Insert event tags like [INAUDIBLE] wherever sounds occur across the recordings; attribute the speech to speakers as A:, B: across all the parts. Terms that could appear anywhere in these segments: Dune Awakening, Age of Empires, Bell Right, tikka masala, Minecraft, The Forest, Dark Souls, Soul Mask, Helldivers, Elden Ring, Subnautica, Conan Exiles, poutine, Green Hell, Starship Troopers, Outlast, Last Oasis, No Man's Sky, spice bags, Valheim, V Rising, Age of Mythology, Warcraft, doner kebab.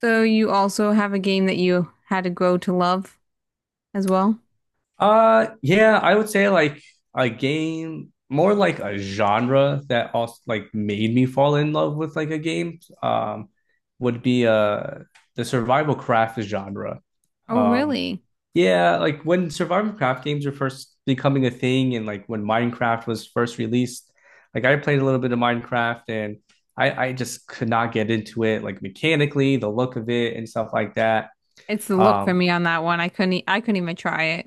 A: So you also have a game that you had to grow to love as well?
B: Yeah, I would say like a game, more like a genre that also like made me fall in love with like a game, would be the survival craft genre.
A: Oh,
B: Um,
A: really?
B: yeah, like when survival craft games were first becoming a thing, and like when Minecraft was first released, like I played a little bit of Minecraft and I just could not get into it, like mechanically, the look of it and stuff like that.
A: It's the look for
B: Um,
A: me on that one. I couldn't e- I couldn't even try it.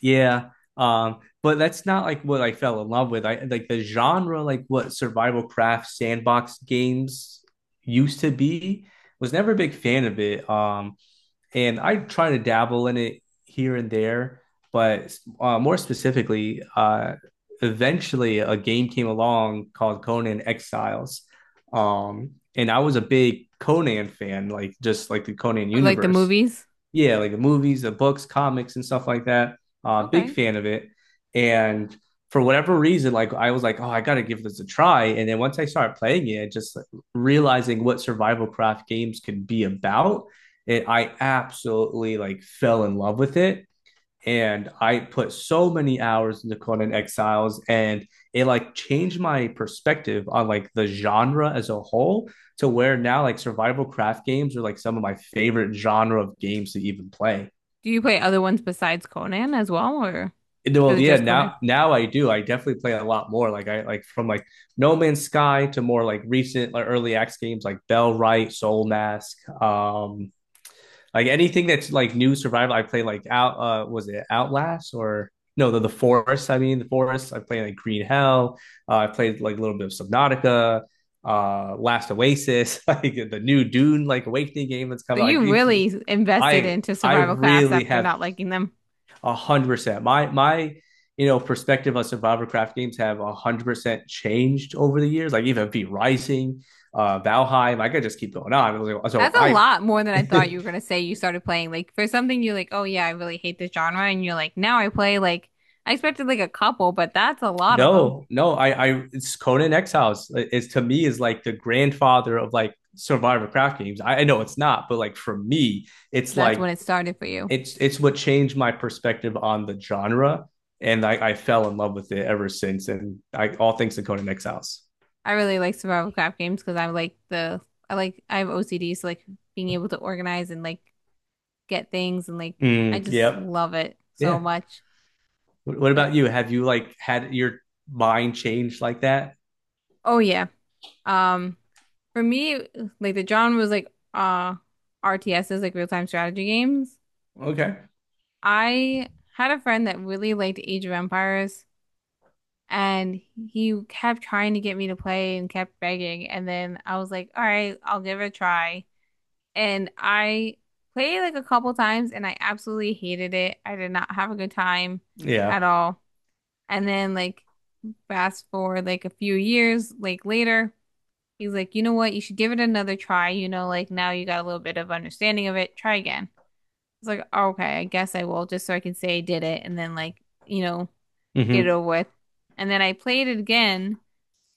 B: Yeah. But that's not like what I fell in love with. I like the genre, like what survival craft sandbox games used to be, was never a big fan of it. And I try to dabble in it here and there, but more specifically, eventually a game came along called Conan Exiles, and I was a big Conan fan, like just like the Conan
A: Like the
B: universe.
A: movies?
B: Yeah, like the movies, the books, comics, and stuff like that. Big
A: Okay.
B: fan of it, and for whatever reason, like I was like, oh, I gotta give this a try. And then once I started playing it, just like, realizing what survival craft games could be about, and I absolutely like fell in love with it. And I put so many hours into Conan Exiles, and it like changed my perspective on like the genre as a whole to where now like survival craft games are like some of my favorite genre of games to even play.
A: Do you play other ones besides Conan as well, or is
B: Well,
A: it
B: yeah,
A: just Conan?
B: now I do. I definitely play a lot more. Like I like from like No Man's Sky to more like recent like early access games like Bell Right, Soul Mask, like anything that's like new survival, I play like out. Was it Outlast or no? The Forest. I mean, the Forest. I play like Green Hell. I played like a little bit of Subnautica. Last Oasis. [LAUGHS] Like the new Dune like Awakening game that's
A: So
B: coming. Like
A: you
B: it-
A: really invested
B: I
A: into
B: I
A: survival crafts
B: really
A: after
B: have
A: not liking them.
B: 100%. My perspective on survival craft games have 100% changed over the years. Like even V Rising, Valheim. I could just keep going on. So
A: That's a
B: I
A: lot more than I thought
B: [LAUGHS]
A: you were gonna say you started playing. Like for something you're like, oh yeah, I really hate this genre, and you're like, now I play like I expected like a couple, but that's a lot of them.
B: No, no, it's Conan Exiles is to me is like the grandfather of like survivor craft games. I know it's not, but like for me, it's
A: That's
B: like
A: when it started for you.
B: it's what changed my perspective on the genre, and I fell in love with it ever since. And I all thanks to Conan Exiles.
A: I really like survival craft games because I like I have OCD, so like being able to organize and like get things and like I
B: Mm,
A: just
B: yep,
A: love it so
B: yeah.
A: much.
B: What
A: But
B: about you? Have you like had your mind changed like that?
A: oh yeah, um, for me like the genre was like RTSs like real time strategy games.
B: Okay,
A: I had a friend that really liked Age of Empires and he kept trying to get me to play and kept begging, and then I was like, all right, I'll give it a try. And I played like a couple times and I absolutely hated it. I did not have a good time
B: yeah,
A: at all. And then like fast forward like a few years like later, he's like, "You know what? You should give it another try. You know, like now you got a little bit of understanding of it. Try again." It's like, "Okay, I guess I will, just so I can say I did it, and then like, you know, get it
B: hmm,
A: over with." And then I played it again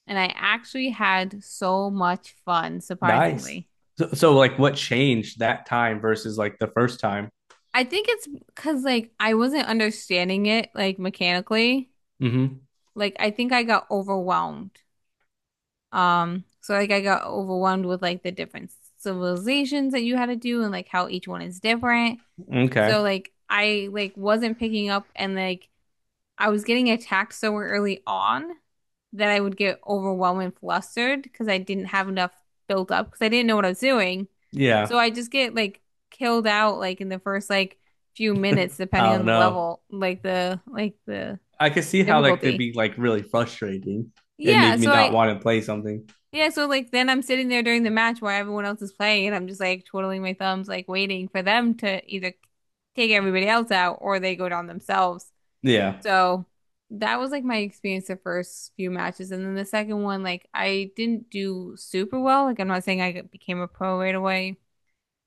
A: and I actually had so much fun,
B: nice.
A: surprisingly.
B: So like, what changed that time versus like the first time?
A: I think it's because like I wasn't understanding it like mechanically.
B: Hmm.
A: Like I think I got overwhelmed. So like I got overwhelmed with like the different civilizations that you had to do and like how each one is different.
B: Okay.
A: So like I like wasn't picking up, and like I was getting attacked so early on that I would get overwhelmed and flustered because I didn't have enough built up because I didn't know what I was doing.
B: Yeah.
A: So I just get like killed out like in the first like few minutes depending
B: I
A: on
B: don't
A: the
B: know.
A: level, like the
B: I could see how that could
A: difficulty.
B: be like really frustrating and
A: Yeah,
B: make me
A: so
B: not
A: I
B: want to play something.
A: yeah, so like then I'm sitting there during the match while everyone else is playing and I'm just like twiddling my thumbs like waiting for them to either take everybody else out or they go down themselves.
B: Yeah.
A: So that was like my experience the first few matches. And then the second one, like I didn't do super well. Like I'm not saying I became a pro right away,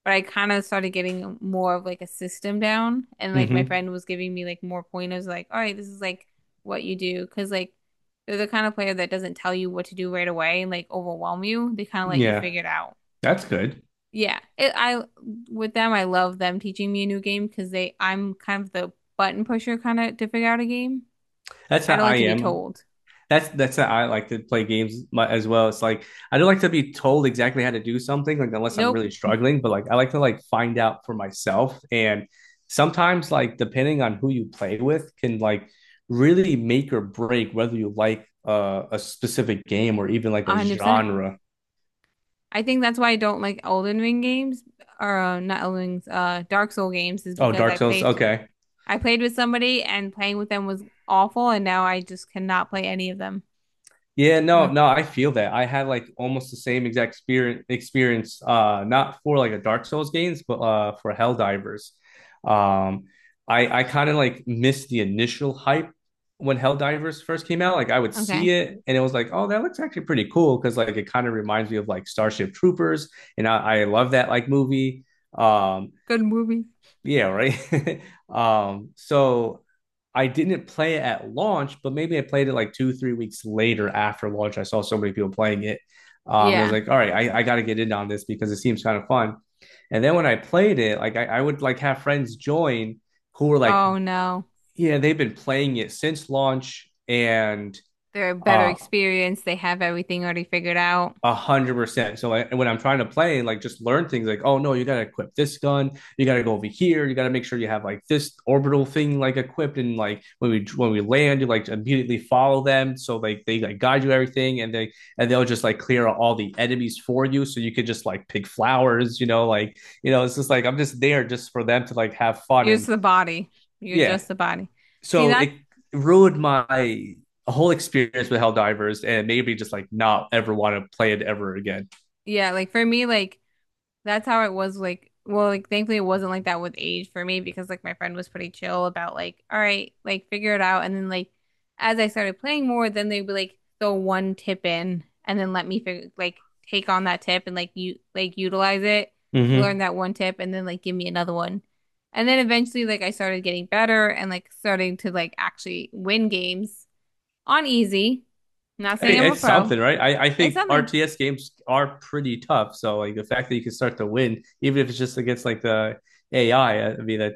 A: but I kind of started getting more of like a system down. And like my
B: Hmm.
A: friend was giving me like more pointers, like, all right, this is like what you do. Cause like they're the kind of player that doesn't tell you what to do right away and like overwhelm you. They kind of let you
B: Yeah.
A: figure it out.
B: That's good.
A: Yeah, it, I with them, I love them teaching me a new game because they I'm kind of the button pusher kind of to figure out a game.
B: That's how
A: I don't like
B: I
A: to be
B: am.
A: told.
B: That's how I like to play games mu- as well. It's like I don't like to be told exactly how to do something, like unless I'm
A: Nope,
B: really struggling, but like I like to like find out for myself. And sometimes like depending on who you play with can like really make or break whether you like a specific game or even like a
A: 100%.
B: genre.
A: I think that's why I don't like Elden Ring games, or not Elden Rings, Dark Soul games, is
B: Oh,
A: because
B: Dark Souls. Okay.
A: I played with somebody and playing with them was awful and now I just cannot play any of them.
B: Yeah, no,
A: Oh,
B: no, I feel that. I had like almost the same exact experience experience not for like the Dark Souls games, but for Helldivers. Um I kind of like missed the initial hype when Helldivers first came out. Like I would see
A: okay.
B: it and it was like, "Oh, that looks actually pretty cool," because like it kind of reminds me of like Starship Troopers, and I love that like movie. Um
A: Good movie.
B: Yeah, right. [LAUGHS] So I didn't play it at launch, but maybe I played it like two, 3 weeks later after launch. I saw so many people playing it. And I was
A: Yeah.
B: like, all right, I got to get in on this because it seems kind of fun. And then when I played it, like I would like have friends join who were like,
A: Oh no.
B: yeah, they've been playing it since launch and
A: They're a better
B: uh,
A: experience. They have everything already figured out.
B: 100%. So I, when I'm trying to play, like just learn things like, oh no, you gotta equip this gun, you gotta go over here, you gotta make sure you have like this orbital thing like equipped, and like when we land, you like immediately follow them, so like they like guide you everything, and they'll just like clear out all the enemies for you, so you could just like pick flowers, like it's just like I'm just there just for them to like have fun
A: You're just
B: and
A: the body. You're
B: yeah.
A: just the body. See
B: So
A: that?
B: it ruined my whole experience with Helldivers and maybe just like not ever want to play it ever again.
A: Yeah, like for me, like that's how it was, like, well, like thankfully it wasn't like that with Age for me because like my friend was pretty chill about, like, all right, like figure it out. And then like as I started playing more, then they'd be like throw one tip in and then let me figure like take on that tip and like you like utilize it,
B: Hmm.
A: learn that one tip and then like give me another one. And then eventually like I started getting better and like starting to like actually win games on easy. Not saying
B: Hey,
A: I'm a
B: it's
A: pro.
B: something, right? I
A: It's
B: think
A: something.
B: RTS games are pretty tough. So like the fact that you can start to win, even if it's just against like the AI, I mean that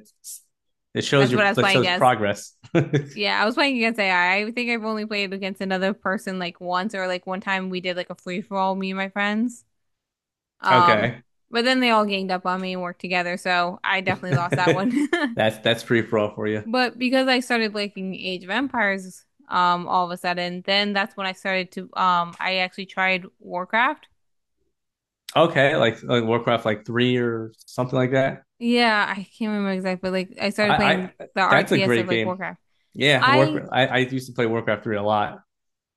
B: it shows
A: That's
B: your
A: what I was
B: that
A: playing
B: shows
A: as.
B: progress. [LAUGHS]
A: Yeah, I was playing against AI. I think I've only played against another person like once, or like one time we did like a free for all, me and my friends. Um,
B: Okay.
A: but then they all ganged up on me and worked together, so I definitely lost that
B: [LAUGHS]
A: one. [LAUGHS]
B: That's pretty pro for you.
A: But because I started liking Age of Empires, all of a sudden, then that's when I started to I actually tried Warcraft.
B: Okay, like Warcraft like three or something like that.
A: Yeah, I can't remember exactly, but like I started playing
B: I
A: the
B: that's a
A: RTS of
B: great
A: like
B: game.
A: Warcraft.
B: Yeah,
A: I
B: Warcraft. I used to play Warcraft three a lot.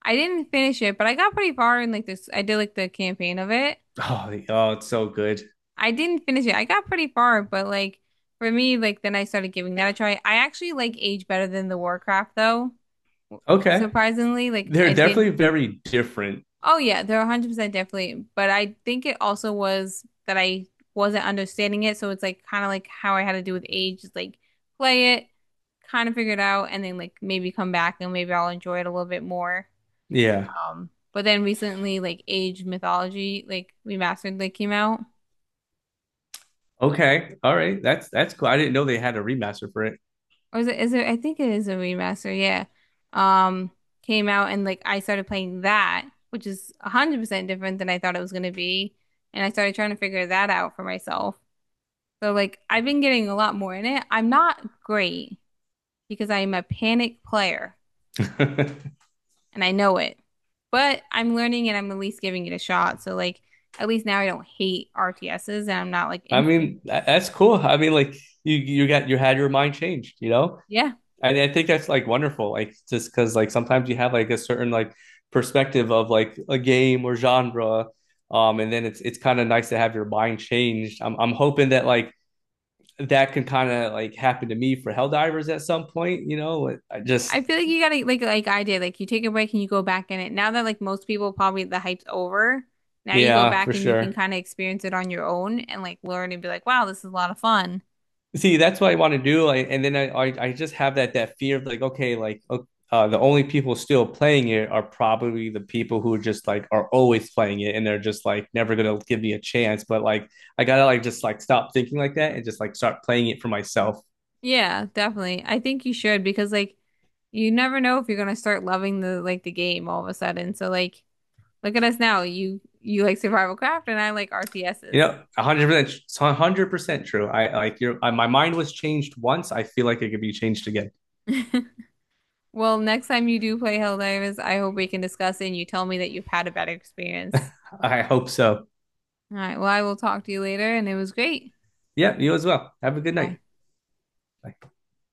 A: I didn't finish it, but I got pretty far in like this I did like the campaign of it.
B: Oh, the- oh, it's so good.
A: I didn't finish it. I got pretty far, but like for me, like then I started giving that a try. I actually like Age better than the Warcraft though,
B: Okay.
A: surprisingly. Like
B: They're
A: I
B: definitely
A: didn't.
B: very different.
A: Oh yeah, they're 100% definitely, but I think it also was that I wasn't understanding it, so it's like kind of like how I had to do with Age, just like play it, kind of figure it out, and then like maybe come back and maybe I'll enjoy it a little bit more.
B: Yeah.
A: But then recently, like Age Mythology, like Remastered, like came out.
B: Okay. All right. That's cool. I didn't know they had a remaster for it.
A: Or is it, I think it is a remaster, yeah. Um, came out and like I started playing that, which is 100% different than I thought it was going to be. And I started trying to figure that out for myself. So like I've been getting a lot more in it. I'm not great because I'm a panic player
B: [LAUGHS]
A: and I know it. But I'm learning and I'm at least giving it a shot. So like at least now I don't hate RTSs and I'm not like
B: I
A: instantly.
B: mean, tha- that's cool.
A: Like,
B: I mean, like you got you had your mind changed, you know?
A: yeah.
B: And I think that's like wonderful. Like just because like sometimes you have like a certain like perspective of like a game or genre. And then it's kind of nice to have your mind changed. I'm hoping that like that can kind of like happen to me for Helldivers at some point, you know? Like, I just
A: I feel like you gotta like I did, like you take a break and you go back in it. Now that like most people probably the hype's over, now you go
B: yeah,
A: back
B: for
A: and you can
B: sure.
A: kind of experience it on your own and like learn and be like, wow, this is a lot of fun.
B: See, that's what I want to do. Like, and then I just have that fear of like, okay, like the only people still playing it are probably the people who just like are always playing it and they're just like never gonna give me a chance. But like I gotta like just like stop thinking like that and just like start playing it for myself.
A: Yeah, definitely. I think you should because like you never know if you're gonna start loving the like the game all of a sudden. So like look at us now. You like survival craft and I like
B: You
A: RTSs.
B: know, 100%, 100% true. I like your I, my mind was changed once. I feel like it could be changed again.
A: [LAUGHS] Well, next time you do play Helldivers, I hope we can discuss it and you tell me that you've had a better experience.
B: I hope so.
A: All right, well, I will talk to you later and it was great.
B: Yeah, you as well. Have a good
A: Bye.
B: night. Bye.